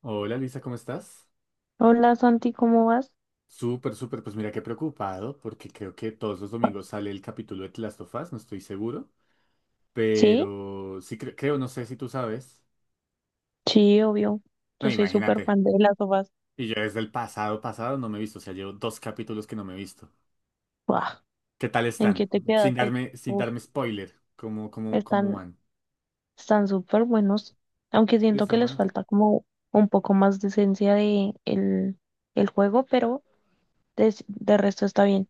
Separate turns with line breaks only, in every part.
Hola Luisa, ¿cómo estás?
Hola Santi, ¿cómo vas?
Súper, súper, pues mira que preocupado porque creo que todos los domingos sale el capítulo de The Last of Us, no estoy seguro,
Sí,
pero sí creo, no sé si tú sabes.
sí, obvio.
No,
Yo soy súper
imagínate.
fan de las sopas.
Y yo desde el pasado pasado no me he visto, o sea, llevo dos capítulos que no me he visto.
Buah,
¿Qué tal
¿en qué
están?
te
Sin
quedaste?
darme, sin
Uf,
darme spoiler, ¿cómo
están,
van?
están súper buenos. Aunque
¿Sí?
siento que
¿Están
les
buenos?
falta como un poco más de esencia de el juego, pero de resto está bien.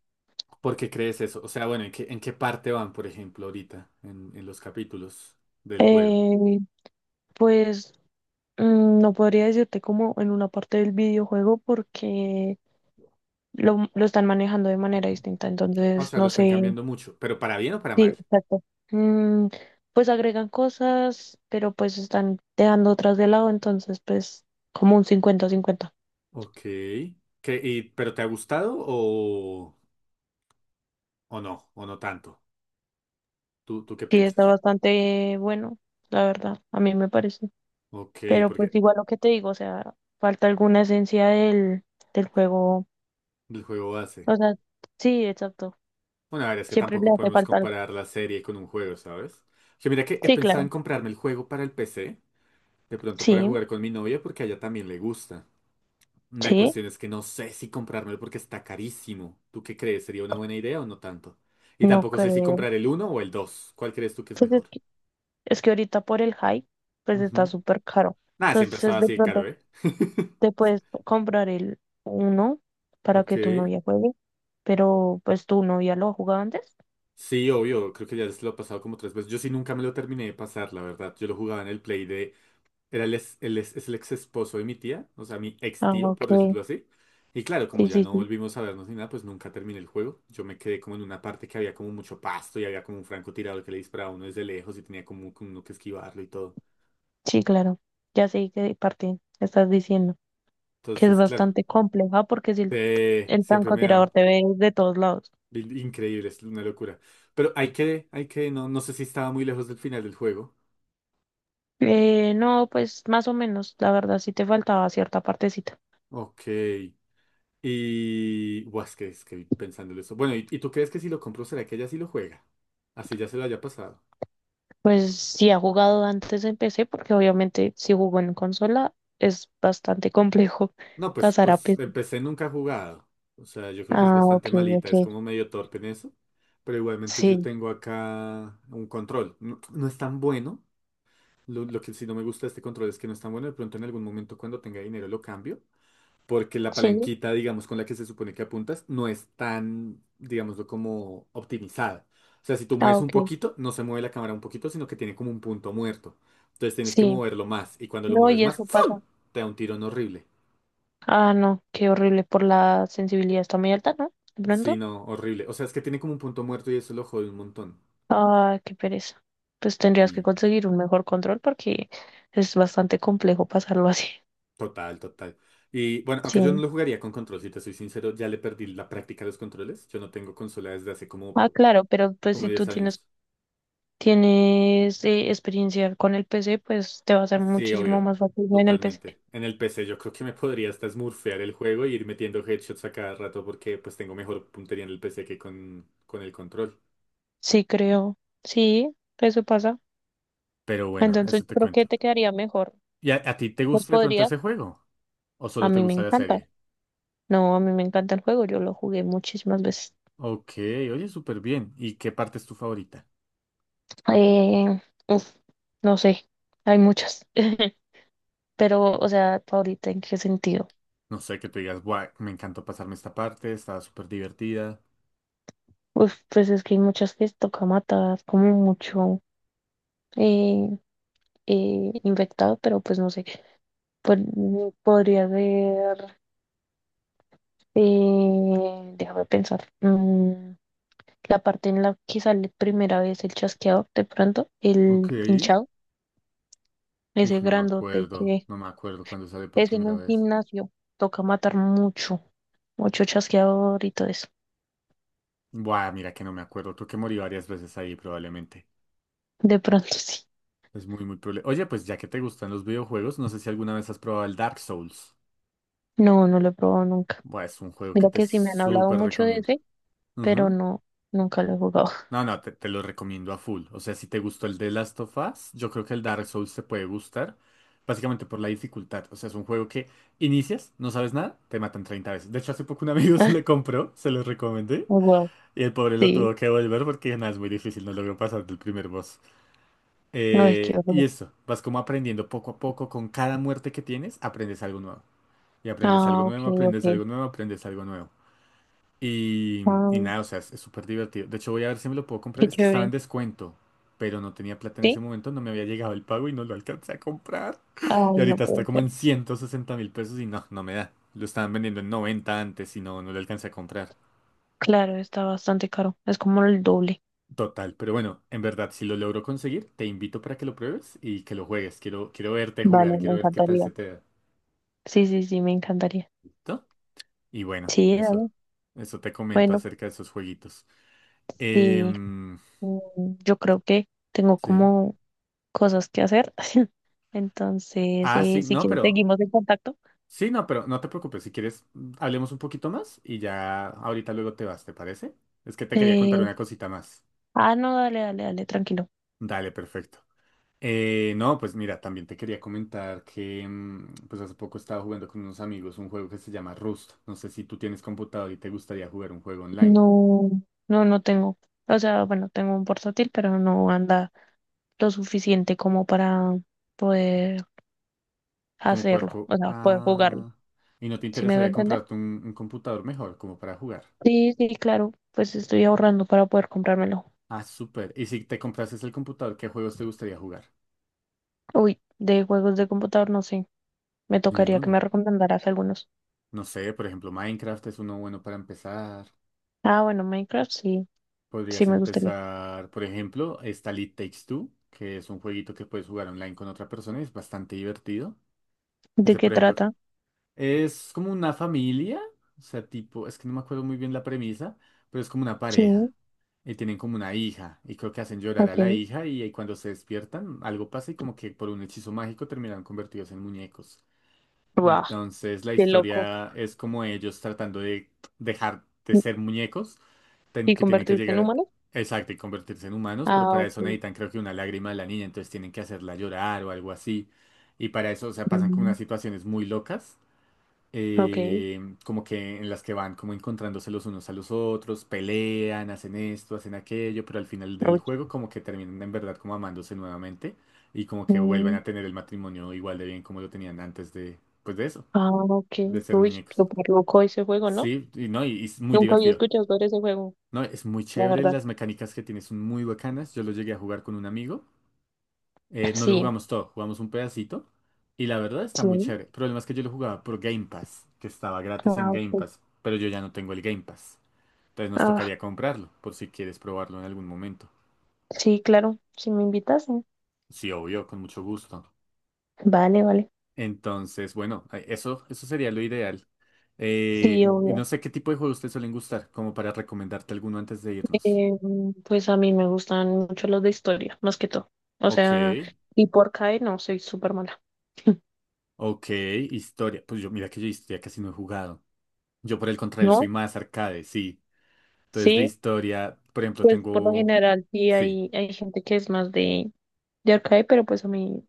¿Por qué crees eso? O sea, bueno, ¿en qué parte van, por ejemplo, ahorita en los capítulos del juego?
Eh, pues no podría decirte como en una parte del videojuego porque lo están manejando de manera distinta.
O
Entonces,
sea, lo
no
están
sé.
cambiando mucho, pero para bien o para
Sí,
mal.
exacto. Mm, pues agregan cosas, pero pues están dejando otras de lado, entonces pues como un cincuenta cincuenta.
Ok. ¿Pero te ha gustado o no? ¿O no tanto? ¿Tú qué
Sí, está
piensas?
bastante bueno, la verdad, a mí me parece.
Ok,
Pero pues
porque
igual lo que te digo, o sea, falta alguna esencia del juego.
el juego base.
O sea, sí, exacto.
Bueno, a ver, es que
Siempre le
tampoco
hace
podemos
falta algo.
comparar la serie con un juego, ¿sabes? Que mira que he
Sí,
pensado en
claro.
comprarme el juego para el PC, de pronto para
Sí,
jugar con mi novia porque a ella también le gusta. La
sí,
cuestión es que no sé si comprármelo porque está carísimo. ¿Tú qué crees? ¿Sería una buena idea o no tanto? Y
no
tampoco sé si
creo.
comprar el uno o el 2. ¿Cuál crees tú que es
Pues es
mejor?
que, es que ahorita por el hype pues está
Ujú.
súper caro.
Nada, siempre
Entonces
estaba
de
así de caro,
pronto.
¿eh?
Te puedes comprar el uno para
Ok.
que tu novia juegue, pero pues tu novia lo ha jugado antes.
Sí, obvio, creo que ya se lo he pasado como tres veces. Yo sí nunca me lo terminé de pasar, la verdad. Yo lo jugaba en el Play de... Era el, ex- es el ex esposo de mi tía, o sea, mi ex
Ah,
tío,
ok.
por decirlo así. Y claro, como
Sí,
ya
sí,
no
sí.
volvimos a vernos ni nada, pues nunca terminé el juego. Yo me quedé como en una parte que había como mucho pasto y había como un francotirador que le disparaba a uno desde lejos y tenía como uno que esquivarlo y todo.
Sí, claro. Ya sé qué parte estás diciendo, que es
Entonces, claro,
bastante compleja porque si el, el
siempre me
francotirador
ha...
te ve de todos lados.
Increíble, es una locura. Pero hay que, no sé si estaba muy lejos del final del juego.
No, pues más o menos, la verdad sí te faltaba cierta partecita.
Ok. Y, buah, es que pensándolo eso. Bueno, ¿y tú crees que si lo compro, será que ella sí lo juega? Así ya se lo haya pasado.
Pues si ha jugado antes en PC, porque obviamente si jugó en consola es bastante complejo
No, pues,
pasar a
pues
PC.
empecé nunca ha jugado. O sea, yo creo que es
Ah, ok,
bastante malita,
ok.
es como medio torpe en eso. Pero igualmente yo
Sí,
tengo acá un control. No, no es tan bueno. Lo que sí no me gusta de este control es que no es tan bueno. De pronto en algún momento cuando tenga dinero lo cambio. Porque la
sí.
palanquita, digamos, con la que se supone que apuntas, no es tan, digámoslo, como optimizada. O sea, si tú
Ah,
mueves un
ok.
poquito, no se mueve la cámara un poquito, sino que tiene como un punto muerto. Entonces tienes que
Sí.
moverlo más, y cuando lo
No,
mueves
y
más,
eso pasa.
¡fum! Te da un tirón horrible.
Ah, no, qué horrible por la sensibilidad. Está muy alta, ¿no? De
Sí,
pronto.
no, horrible. O sea, es que tiene como un punto muerto y eso lo jode un montón.
Ah, qué pereza. Pues tendrías que
Y
conseguir un mejor control porque es bastante complejo pasarlo así.
total, total. Y bueno, aunque
Sí.
yo no lo jugaría con control, si te soy sincero, ya le perdí la práctica a los controles. Yo no tengo consola desde hace como,
Ah, claro, pero pues
como
si tú
10
tienes,
años.
tienes experiencia con el PC, pues te va a ser
Sí,
muchísimo
obvio.
más fácil en el PC.
Totalmente. En el PC yo creo que me podría hasta smurfear el juego y ir metiendo headshots a cada rato porque pues tengo mejor puntería en el PC que con el control.
Sí, creo. Sí, eso pasa.
Pero bueno,
Entonces
eso
yo
te
creo que
cuento.
te quedaría mejor.
¿Y a ti te
Pues
gusta de pronto
podrías.
ese juego? ¿O
A
solo te
mí me
gusta la
encanta.
serie?
No, a mí me encanta el juego, yo lo jugué muchísimas veces.
Ok, oye, súper bien. ¿Y qué parte es tu favorita?
Eh, uf, no sé, hay muchas. Pero, o sea, ahorita ¿en qué sentido?
No sé, que tú digas, guau, me encantó pasarme esta parte, estaba súper divertida.
Uf, pues es que hay muchas que toca matar, como mucho eh, infectado, pero pues no sé. Podría haber, déjame pensar, la parte en la que sale primera vez el chasqueador, de pronto,
Ok.
el hinchado,
Uf,
ese
no me
grandote
acuerdo.
que.
No me acuerdo cuando sale por
Es en
primera
un
vez.
gimnasio. Toca matar mucho, mucho chasqueador y todo eso.
Buah, mira que no me acuerdo. Creo que morí varias veces ahí probablemente.
De pronto sí.
Es muy, muy probable. Oye, pues ya que te gustan los videojuegos, no sé si alguna vez has probado el Dark Souls.
No, no lo he probado nunca.
Buah, es un juego que
Mira
te
que sí me han hablado
súper
mucho de
recomiendo.
ese, pero
Ujú.
no, nunca lo he jugado.
No, no, te lo recomiendo a full. O sea, si te gustó el de Last of Us, yo creo que el Dark Souls te puede gustar. Básicamente por la dificultad. O sea, es un juego que inicias, no sabes nada, te matan 30 veces. De hecho, hace poco un amigo se le compró, se lo recomendé.
Oh, wow,
Y el pobre lo
sí.
tuvo que volver porque nada, es muy difícil, no logró pasar del primer boss.
Ay, qué
Y
horror.
eso, vas como aprendiendo poco a poco, con cada muerte que tienes, aprendes algo nuevo. Y, aprendes algo
Ah, ok,
nuevo, aprendes
ok.
algo nuevo, aprendes algo nuevo. Y, y
Ah,
nada, o sea, es súper divertido. De hecho, voy a ver si me lo puedo comprar.
qué
Es que estaba en
chévere.
descuento, pero no tenía plata en ese
¿Sí?
momento, no me había llegado el pago y no lo alcancé a comprar. Y
Ay, no
ahorita está
puede
como
ser.
en 160.000 pesos y no, no me da. Lo estaban vendiendo en 90 antes y no, no lo alcancé a comprar.
Claro, está bastante caro. Es como el doble.
Total, pero bueno, en verdad, si lo logro conseguir, te invito para que lo pruebes y que lo juegues. Quiero verte jugar,
Vale, me
quiero ver qué tal
encantaría.
se te da.
Sí, sí, sí, me encantaría.
¿Listo? Y bueno,
Sí,
eso,
dale.
eso te comento
Bueno,
acerca de esos jueguitos.
sí.
Em,
Yo creo que tengo
sí.
como cosas que hacer. Entonces,
Ah, sí,
si
no,
quieres,
pero.
seguimos en contacto.
Sí, no, pero no te preocupes. Si quieres, hablemos un poquito más y ya ahorita luego te vas, ¿te parece? Es que te quería contar
Eh,
una cosita más.
ah, no, dale, dale, dale, tranquilo.
Dale, perfecto. No, pues mira, también te quería comentar que pues hace poco estaba jugando con unos amigos un juego que se llama Rust. No sé si tú tienes computador y te gustaría jugar un juego online.
No, no, no tengo. O sea, bueno, tengo un portátil, pero no anda lo suficiente como para poder
Como
hacerlo,
puerco.
o sea, poder jugarlo.
Ah. ¿Y no te
¿Sí me voy a
interesaría
entender?
comprarte un computador mejor como para jugar?
Sí, sí, claro. Pues estoy ahorrando para poder comprármelo.
Ah, súper. ¿Y si te comprases el computador, qué juegos te gustaría jugar?
Uy, de juegos de computador, no sé. Me tocaría que
Ninguno.
me recomendaras algunos.
No sé, por ejemplo, Minecraft es uno bueno para empezar.
Ah, bueno, Minecraft, sí, sí
Podrías
me gustaría.
empezar, por ejemplo, está It Takes Two, que es un jueguito que puedes jugar online con otra persona y es bastante divertido.
¿De
Ese,
qué
por ejemplo,
trata?
es como una familia, o sea, tipo, es que no me acuerdo muy bien la premisa, pero es como una
Sí,
pareja. Y tienen como una hija, y creo que hacen llorar a la
ok.
hija, y, ahí cuando se despiertan, algo pasa y como que por un hechizo mágico terminan convertidos en muñecos.
Wow.
Entonces la
Qué loco.
historia es como ellos tratando de dejar de
¿Y
ser muñecos,
y
que tienen que
convertirse en
llegar,
humano?
exacto, y convertirse en humanos, pero
Ah,
para eso
ok.
necesitan creo que una lágrima de la niña, entonces tienen que hacerla llorar o algo así. Y para eso, o sea, pasan como unas
Mm,
situaciones muy locas,
ok.
eh, como que en las que van como encontrándose los unos a los otros, pelean, hacen esto, hacen aquello, pero al final del
Uy.
juego como que terminan en verdad como amándose nuevamente y como que vuelven
Mm,
a tener el matrimonio igual de bien como lo tenían antes de, pues de eso
ah, ok.
de ser
Uy,
muñecos.
súper loco ese juego, ¿no?
Sí, y no, y es muy
Nunca había
divertido.
escuchado sobre ese juego,
No, es muy
la
chévere,
verdad.
las mecánicas que tiene son muy bacanas. Yo lo llegué a jugar con un amigo. No lo
Sí,
jugamos todo, jugamos un pedacito. Y la verdad está
sí.
muy chévere. El problema es que yo lo jugaba por Game Pass, que estaba gratis en
Ah,
Game
ok.
Pass, pero yo ya no tengo el Game Pass. Entonces nos
Ah,
tocaría comprarlo, por si quieres probarlo en algún momento.
sí, claro. Si me invitas, sí.
Sí, obvio, con mucho gusto.
Vale, vale.
Entonces, bueno, eso sería lo ideal.
Sí,
Y
obvio.
no sé qué tipo de juegos te suelen gustar, como para recomendarte alguno antes de irnos.
Em, pues a mí me gustan mucho los de historia, más que todo. O
Ok.
sea, y por CAE no, soy súper mala.
Ok, historia. Pues yo, mira que yo historia casi no he jugado. Yo por el contrario soy
¿No?
más arcade, sí. Entonces de
Sí.
historia, por ejemplo,
Pues por lo
tengo...
general sí
Sí,
hay gente que es más de arcade, pero pues a mí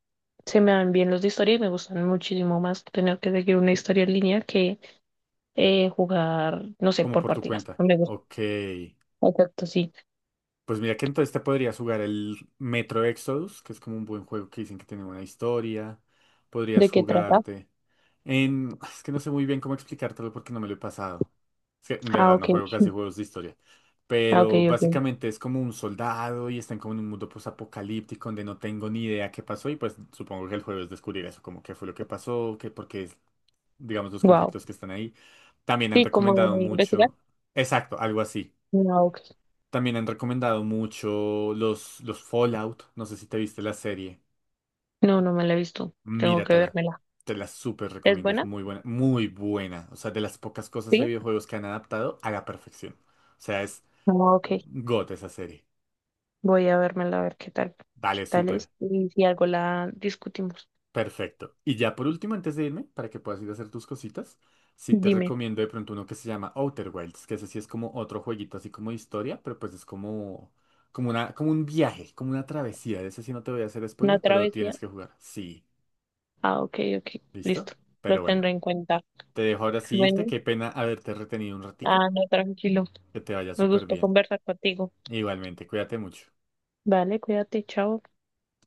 se me dan bien los de historia y me gustan muchísimo más tener que seguir una historia en línea que jugar, no sé,
como
por
por tu
partidas.
cuenta.
No me gusta.
Ok.
Exacto, sí.
Pues mira que entonces te podrías jugar el Metro Exodus, que es como un buen juego que dicen que tiene buena historia.
¿De
Podrías
qué trata?
jugarte en... Es que no sé muy bien cómo explicártelo porque no me lo he pasado. Es que en
Ah,
verdad no
ok.
juego casi juegos de historia.
Ah, ok,
Pero
ok.
básicamente es como un soldado y están como en un mundo posapocalíptico donde no tengo ni idea qué pasó y pues supongo que el juego es descubrir eso, como qué fue lo que pasó, qué, porque es, digamos, los
Wow.
conflictos que están ahí. También han
Sí, como
recomendado
de investigar.
mucho. Exacto, algo así.
No, ok.
También han recomendado mucho los Fallout. No sé si te viste la serie.
No, no me la he visto. Tengo que
Míratela.
vérmela.
Te la súper
¿Es
recomiendo. Es
buena?
muy buena. Muy buena. O sea, de las pocas cosas de
Sí.
videojuegos que han adaptado a la perfección. O sea, es
No, ok.
GOT esa serie.
Voy a vérmela a ver qué tal, qué
Dale,
tal
súper.
es y si algo la discutimos.
Perfecto. Y ya por último, antes de irme, para que puedas ir a hacer tus cositas, sí te
Dime,
recomiendo de pronto uno que se llama Outer Wilds, que ese sí es como otro jueguito así como de historia, pero pues es como, una, como un viaje, como una travesía. De ese sí no te voy a hacer
¿una
spoiler, pero lo
travesía?
tienes que jugar. Sí,
Ah, ok, ok.
¿listo?
Listo. Lo
Pero bueno,
tendré en cuenta.
te dejo ahora sí irte.
Bueno,
Qué pena haberte retenido un ratico.
ah, no, tranquilo.
Que te vaya
Me
súper
gustó
bien.
conversar contigo.
Igualmente, cuídate mucho.
Vale, cuídate, chao.